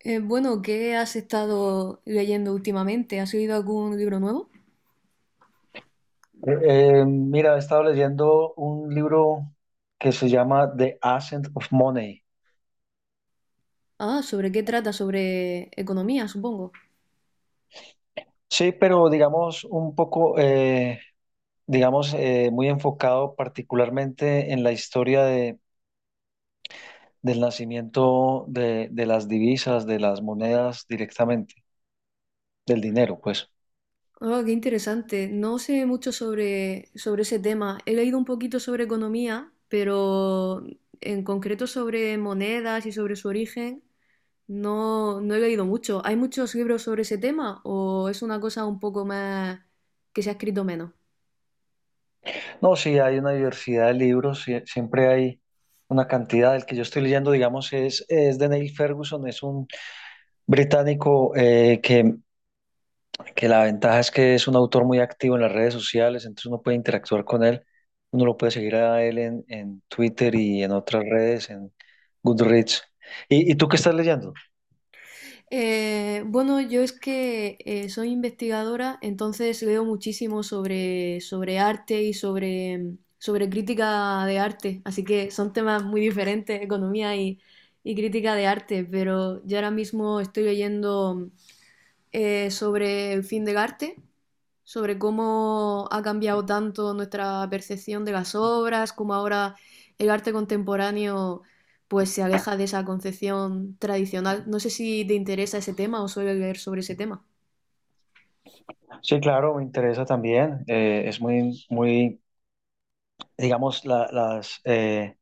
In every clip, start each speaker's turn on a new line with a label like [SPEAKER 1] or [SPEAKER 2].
[SPEAKER 1] Bueno, ¿Qué has estado leyendo últimamente? ¿Has leído algún libro nuevo?
[SPEAKER 2] Eh, mira, he estado leyendo un libro que se llama The Ascent of Money.
[SPEAKER 1] Ah, ¿sobre qué trata? Sobre economía, supongo.
[SPEAKER 2] Sí, pero digamos un poco, digamos, muy enfocado particularmente en la historia del nacimiento de las divisas, de las monedas directamente, del dinero, pues.
[SPEAKER 1] Oh, qué interesante. No sé mucho sobre ese tema. He leído un poquito sobre economía, pero en concreto sobre monedas y sobre su origen, no he leído mucho. ¿Hay muchos libros sobre ese tema o es una cosa un poco más que se ha escrito menos?
[SPEAKER 2] No, sí, hay una diversidad de libros, sí, siempre hay una cantidad. El que yo estoy leyendo, digamos, es de Neil Ferguson, es un británico que la ventaja es que es un autor muy activo en las redes sociales, entonces uno puede interactuar con él, uno lo puede seguir a él en Twitter y en otras redes, en Goodreads. Y tú qué estás leyendo?
[SPEAKER 1] Bueno, yo es que soy investigadora, entonces leo muchísimo sobre arte y sobre sobre crítica de arte, así que son temas muy diferentes, economía y crítica de arte, pero yo ahora mismo estoy leyendo sobre el fin del arte, sobre cómo ha cambiado tanto nuestra percepción de las obras, cómo ahora el arte contemporáneo pues se aleja de esa concepción tradicional. No sé si te interesa ese tema o suele leer sobre ese tema.
[SPEAKER 2] Sí, claro, me interesa también. Es muy, muy, digamos,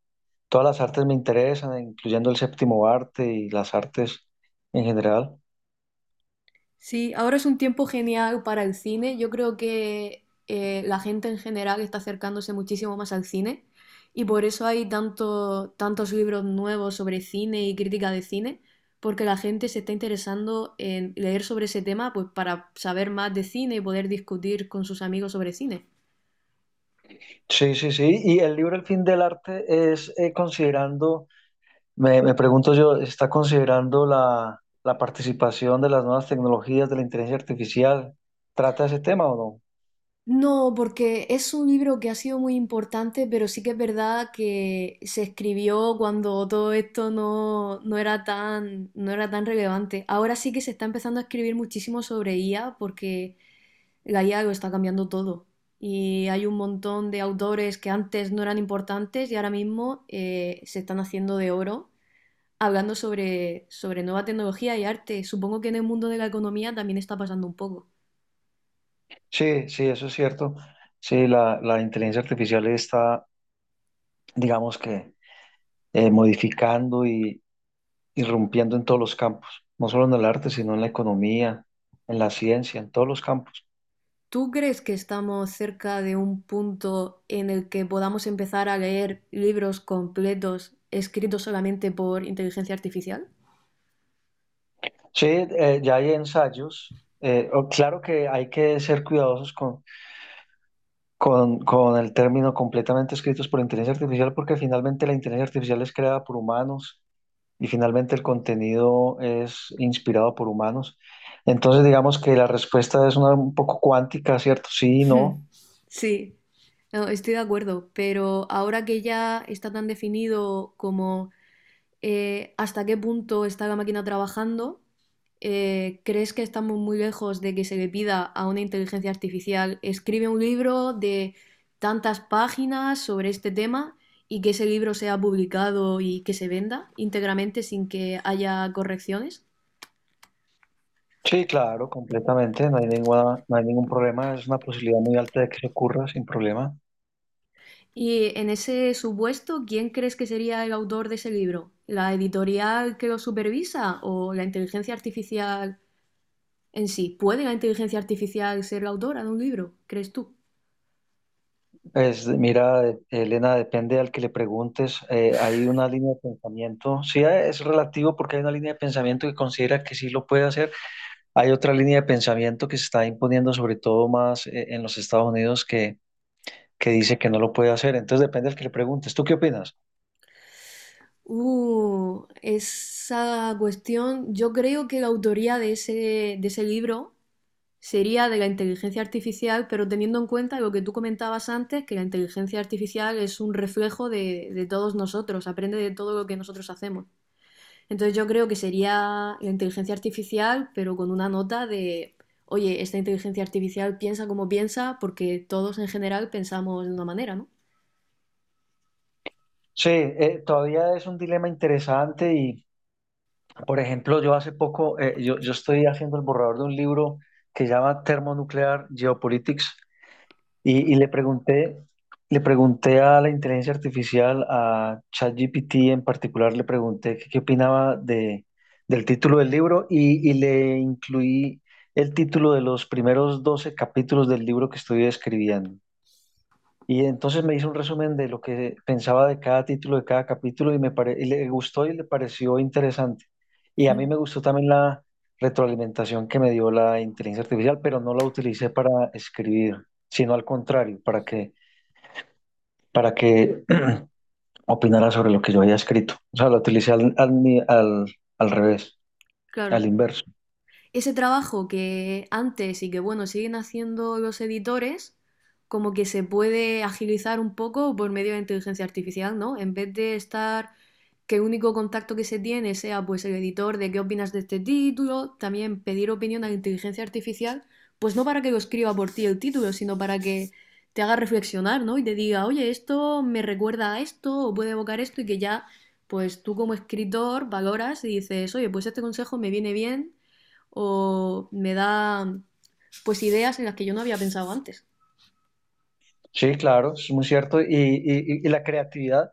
[SPEAKER 2] todas las artes me interesan, incluyendo el séptimo arte y las artes en general.
[SPEAKER 1] Sí, ahora es un tiempo genial para el cine. Yo creo que la gente en general está acercándose muchísimo más al cine y por eso hay tantos libros nuevos sobre cine y crítica de cine, porque la gente se está interesando en leer sobre ese tema, pues, para saber más de cine y poder discutir con sus amigos sobre cine.
[SPEAKER 2] Sí, sí, sí. Y el libro El fin del arte es considerando Me, me pregunto yo, ¿está considerando la participación de las nuevas tecnologías de la inteligencia artificial? ¿Trata ese tema o no?
[SPEAKER 1] No, porque es un libro que ha sido muy importante, pero sí que es verdad que se escribió cuando todo esto no era tan, no era tan relevante. Ahora sí que se está empezando a escribir muchísimo sobre IA, porque la IA lo está cambiando todo. Y hay un montón de autores que antes no eran importantes y ahora mismo se están haciendo de oro hablando sobre nueva tecnología y arte. Supongo que en el mundo de la economía también está pasando un poco.
[SPEAKER 2] Sí, sí, eso es cierto. Sí, la inteligencia artificial está, digamos que, modificando y irrumpiendo en todos los campos, no solo en el arte, sino en la economía, en la ciencia, en todos los campos.
[SPEAKER 1] ¿Tú crees que estamos cerca de un punto en el que podamos empezar a leer libros completos escritos solamente por inteligencia artificial?
[SPEAKER 2] Sí, ya hay ensayos. Claro que hay que ser cuidadosos con el término completamente escritos por inteligencia artificial, porque finalmente la inteligencia artificial es creada por humanos y finalmente el contenido es inspirado por humanos. Entonces, digamos que la respuesta es una un poco cuántica, ¿cierto? Sí, no.
[SPEAKER 1] Sí, no, estoy de acuerdo, pero ahora que ya está tan definido como, hasta qué punto está la máquina trabajando, ¿crees que estamos muy lejos de que se le pida a una inteligencia artificial escribe un libro de tantas páginas sobre este tema y que ese libro sea publicado y que se venda íntegramente sin que haya correcciones?
[SPEAKER 2] Sí, claro, completamente. No hay ninguna, no hay ningún problema. Es una posibilidad muy alta de que se ocurra sin problema.
[SPEAKER 1] Y en ese supuesto, ¿quién crees que sería el autor de ese libro? ¿La editorial que lo supervisa o la inteligencia artificial en sí? ¿Puede la inteligencia artificial ser la autora de un libro? ¿Crees tú?
[SPEAKER 2] Es, mira, Elena, depende al que le preguntes. Hay una línea de pensamiento. Sí, es relativo porque hay una línea de pensamiento que considera que sí lo puede hacer. Hay otra línea de pensamiento que se está imponiendo, sobre todo más en los Estados Unidos, que dice que no lo puede hacer. Entonces depende del que le preguntes. ¿Tú qué opinas?
[SPEAKER 1] Esa cuestión, yo creo que la autoría de ese libro sería de la inteligencia artificial, pero teniendo en cuenta lo que tú comentabas antes, que la inteligencia artificial es un reflejo de todos nosotros, aprende de todo lo que nosotros hacemos. Entonces yo creo que sería la inteligencia artificial, pero con una nota de, oye, esta inteligencia artificial piensa como piensa, porque todos en general pensamos de una manera, ¿no?
[SPEAKER 2] Sí, todavía es un dilema interesante y, por ejemplo, yo hace poco, yo estoy haciendo el borrador de un libro que se llama Thermonuclear Geopolitics. Y le pregunté a la inteligencia artificial, a ChatGPT en particular, le pregunté qué opinaba de, del título del libro y le incluí el título de los primeros 12 capítulos del libro que estoy escribiendo. Y entonces me hizo un resumen de lo que pensaba de cada título, de cada capítulo, y y le gustó y le pareció interesante. Y a mí
[SPEAKER 1] Mm.
[SPEAKER 2] me gustó también la retroalimentación que me dio la inteligencia artificial, pero no la utilicé para escribir, sino al contrario, para que opinara sobre lo que yo había escrito. O sea, la utilicé al, al, ni- al, al revés, al
[SPEAKER 1] Claro.
[SPEAKER 2] inverso.
[SPEAKER 1] Ese trabajo que antes y que, bueno, siguen haciendo los editores, como que se puede agilizar un poco por medio de inteligencia artificial, ¿no? En vez de estar que el único contacto que se tiene sea pues el editor de qué opinas de este título, también pedir opinión a la inteligencia artificial, pues no para que lo escriba por ti el título, sino para que te haga reflexionar, ¿no? Y te diga, oye, esto me recuerda a esto, o puede evocar esto, y que ya, pues tú como escritor valoras y dices, oye, pues este consejo me viene bien o me da pues ideas en las que yo no había pensado antes.
[SPEAKER 2] Sí, claro, es muy cierto. Y la creatividad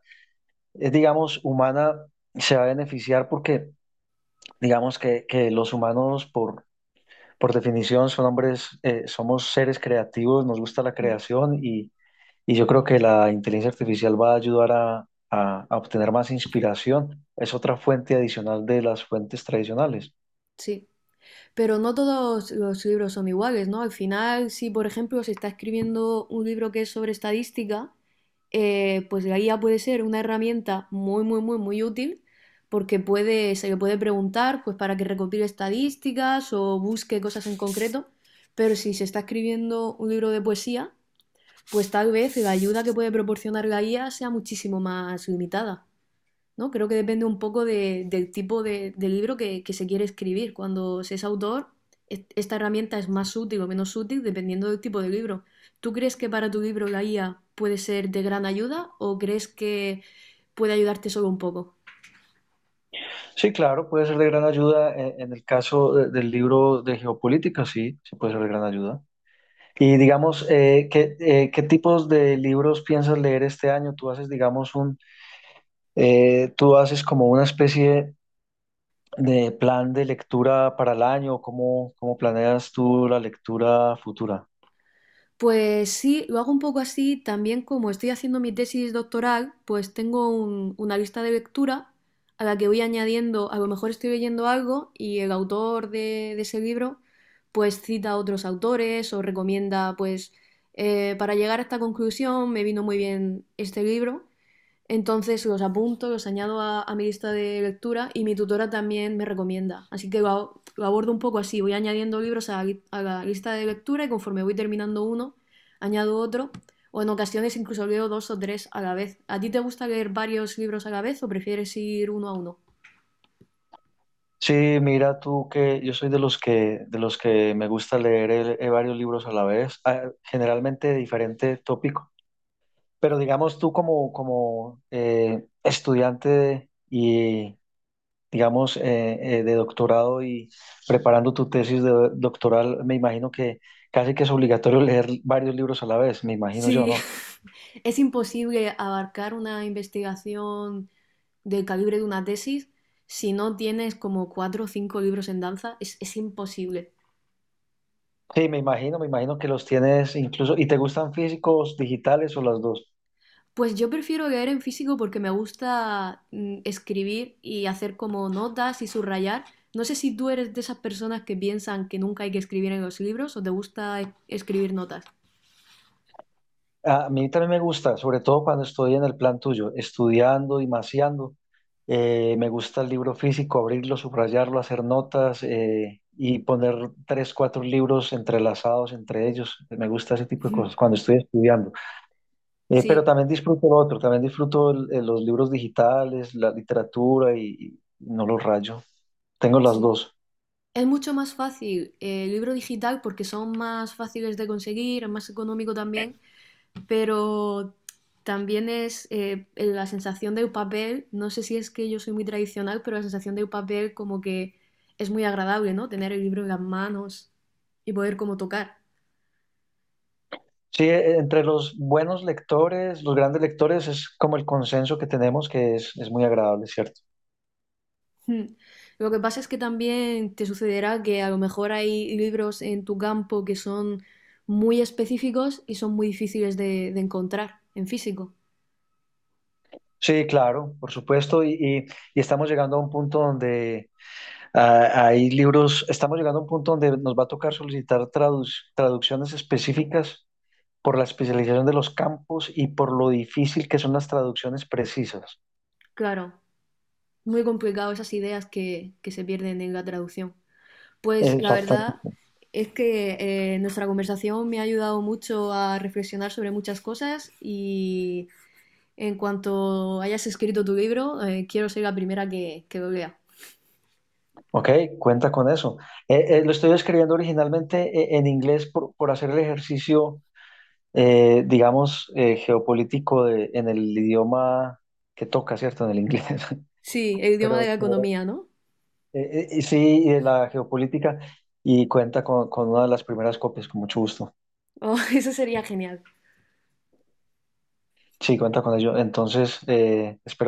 [SPEAKER 2] es, digamos, humana, se va a beneficiar porque digamos que los humanos por definición, son hombres, somos seres creativos, nos gusta la
[SPEAKER 1] Mm.
[SPEAKER 2] creación y yo creo que la inteligencia artificial va a ayudar a obtener más inspiración. Es otra fuente adicional de las fuentes tradicionales.
[SPEAKER 1] Sí, pero no todos los libros son iguales, ¿no? Al final, si por ejemplo se está escribiendo un libro que es sobre estadística, pues la guía puede ser una herramienta muy útil porque puede, se le puede preguntar pues para que recopile estadísticas o busque cosas en concreto, pero si se está escribiendo un libro de poesía, pues tal vez la ayuda que puede proporcionar la guía sea muchísimo más limitada. ¿No? Creo que depende un poco del tipo de libro que se quiere escribir. Cuando se es autor, esta herramienta es más útil o menos útil dependiendo del tipo de libro. ¿Tú crees que para tu libro la IA puede ser de gran ayuda o crees que puede ayudarte solo un poco?
[SPEAKER 2] Sí, claro, puede ser de gran ayuda el caso del libro de geopolítica, sí, sí puede ser de gran ayuda. Y digamos, ¿ qué tipos de libros piensas leer este año? Tú haces, digamos, tú haces como una especie de plan de lectura para el año, ¿cómo, cómo planeas tú la lectura futura?
[SPEAKER 1] Pues sí, lo hago un poco así. También, como estoy haciendo mi tesis doctoral, pues tengo una lista de lectura a la que voy añadiendo, a lo mejor estoy leyendo algo y el autor de ese libro pues cita a otros autores o recomienda pues, para llegar a esta conclusión me vino muy bien este libro, entonces los apunto, los añado a mi lista de lectura y mi tutora también me recomienda. Así que lo, lo abordo un poco así. Voy añadiendo libros a a la lista de lectura y conforme voy terminando uno, añado otro. O en ocasiones incluso leo dos o tres a la vez. ¿A ti te gusta leer varios libros a la vez o prefieres ir uno a uno?
[SPEAKER 2] Sí, mira tú que yo soy de los que me gusta leer varios libros a la vez, ah, generalmente de diferente tópico, pero digamos tú como estudiante y digamos de doctorado y preparando tu tesis de doctoral, me imagino que casi que es obligatorio leer varios libros a la vez, me imagino yo,
[SPEAKER 1] Sí,
[SPEAKER 2] ¿no?
[SPEAKER 1] es imposible abarcar una investigación del calibre de una tesis si no tienes como cuatro o cinco libros en danza. Es imposible.
[SPEAKER 2] Sí, me imagino que los tienes incluso, ¿y te gustan físicos, digitales o las dos?
[SPEAKER 1] Pues yo prefiero leer en físico porque me gusta, escribir y hacer como notas y subrayar. No sé si tú eres de esas personas que piensan que nunca hay que escribir en los libros o te gusta escribir notas.
[SPEAKER 2] A mí también me gusta, sobre todo cuando estoy en el plan tuyo, estudiando y maseando. Me gusta el libro físico, abrirlo, subrayarlo, hacer notas y poner tres, cuatro libros entrelazados entre ellos. Me gusta ese tipo de cosas cuando estoy estudiando. Pero
[SPEAKER 1] Sí,
[SPEAKER 2] también disfruto lo otro, también disfruto los libros digitales, la literatura y no los rayo. Tengo las
[SPEAKER 1] sí.
[SPEAKER 2] dos.
[SPEAKER 1] Es mucho más fácil, el libro digital, porque son más fáciles de conseguir, es más económico también, pero también es, la sensación de papel, no sé si es que yo soy muy tradicional, pero la sensación de papel como que es muy agradable, ¿no? Tener el libro en las manos y poder como tocar.
[SPEAKER 2] Sí, entre los buenos lectores, los grandes lectores, es como el consenso que tenemos que es muy agradable, ¿cierto?
[SPEAKER 1] Mm. Lo que pasa es que también te sucederá que a lo mejor hay libros en tu campo que son muy específicos y son muy difíciles de encontrar en físico.
[SPEAKER 2] Sí, claro, por supuesto, y estamos llegando a un punto donde hay libros, estamos llegando a un punto donde nos va a tocar solicitar traducciones específicas por la especialización de los campos y por lo difícil que son las traducciones precisas.
[SPEAKER 1] Claro, muy complicado esas ideas que se pierden en la traducción. Pues la verdad
[SPEAKER 2] Exactamente.
[SPEAKER 1] es que, nuestra conversación me ha ayudado mucho a reflexionar sobre muchas cosas y en cuanto hayas escrito tu libro, quiero ser la primera que lo lea.
[SPEAKER 2] Ok, cuenta con eso. Lo estoy escribiendo originalmente en inglés por hacer el ejercicio digamos, geopolítico en el idioma que toca, ¿cierto? En el inglés.
[SPEAKER 1] Sí, el idioma de
[SPEAKER 2] Pero
[SPEAKER 1] la economía, ¿no?
[SPEAKER 2] sí, de la geopolítica y cuenta con una de las primeras copias, con mucho gusto.
[SPEAKER 1] Oh, eso sería genial.
[SPEAKER 2] Sí, cuenta con ello. Entonces, espero que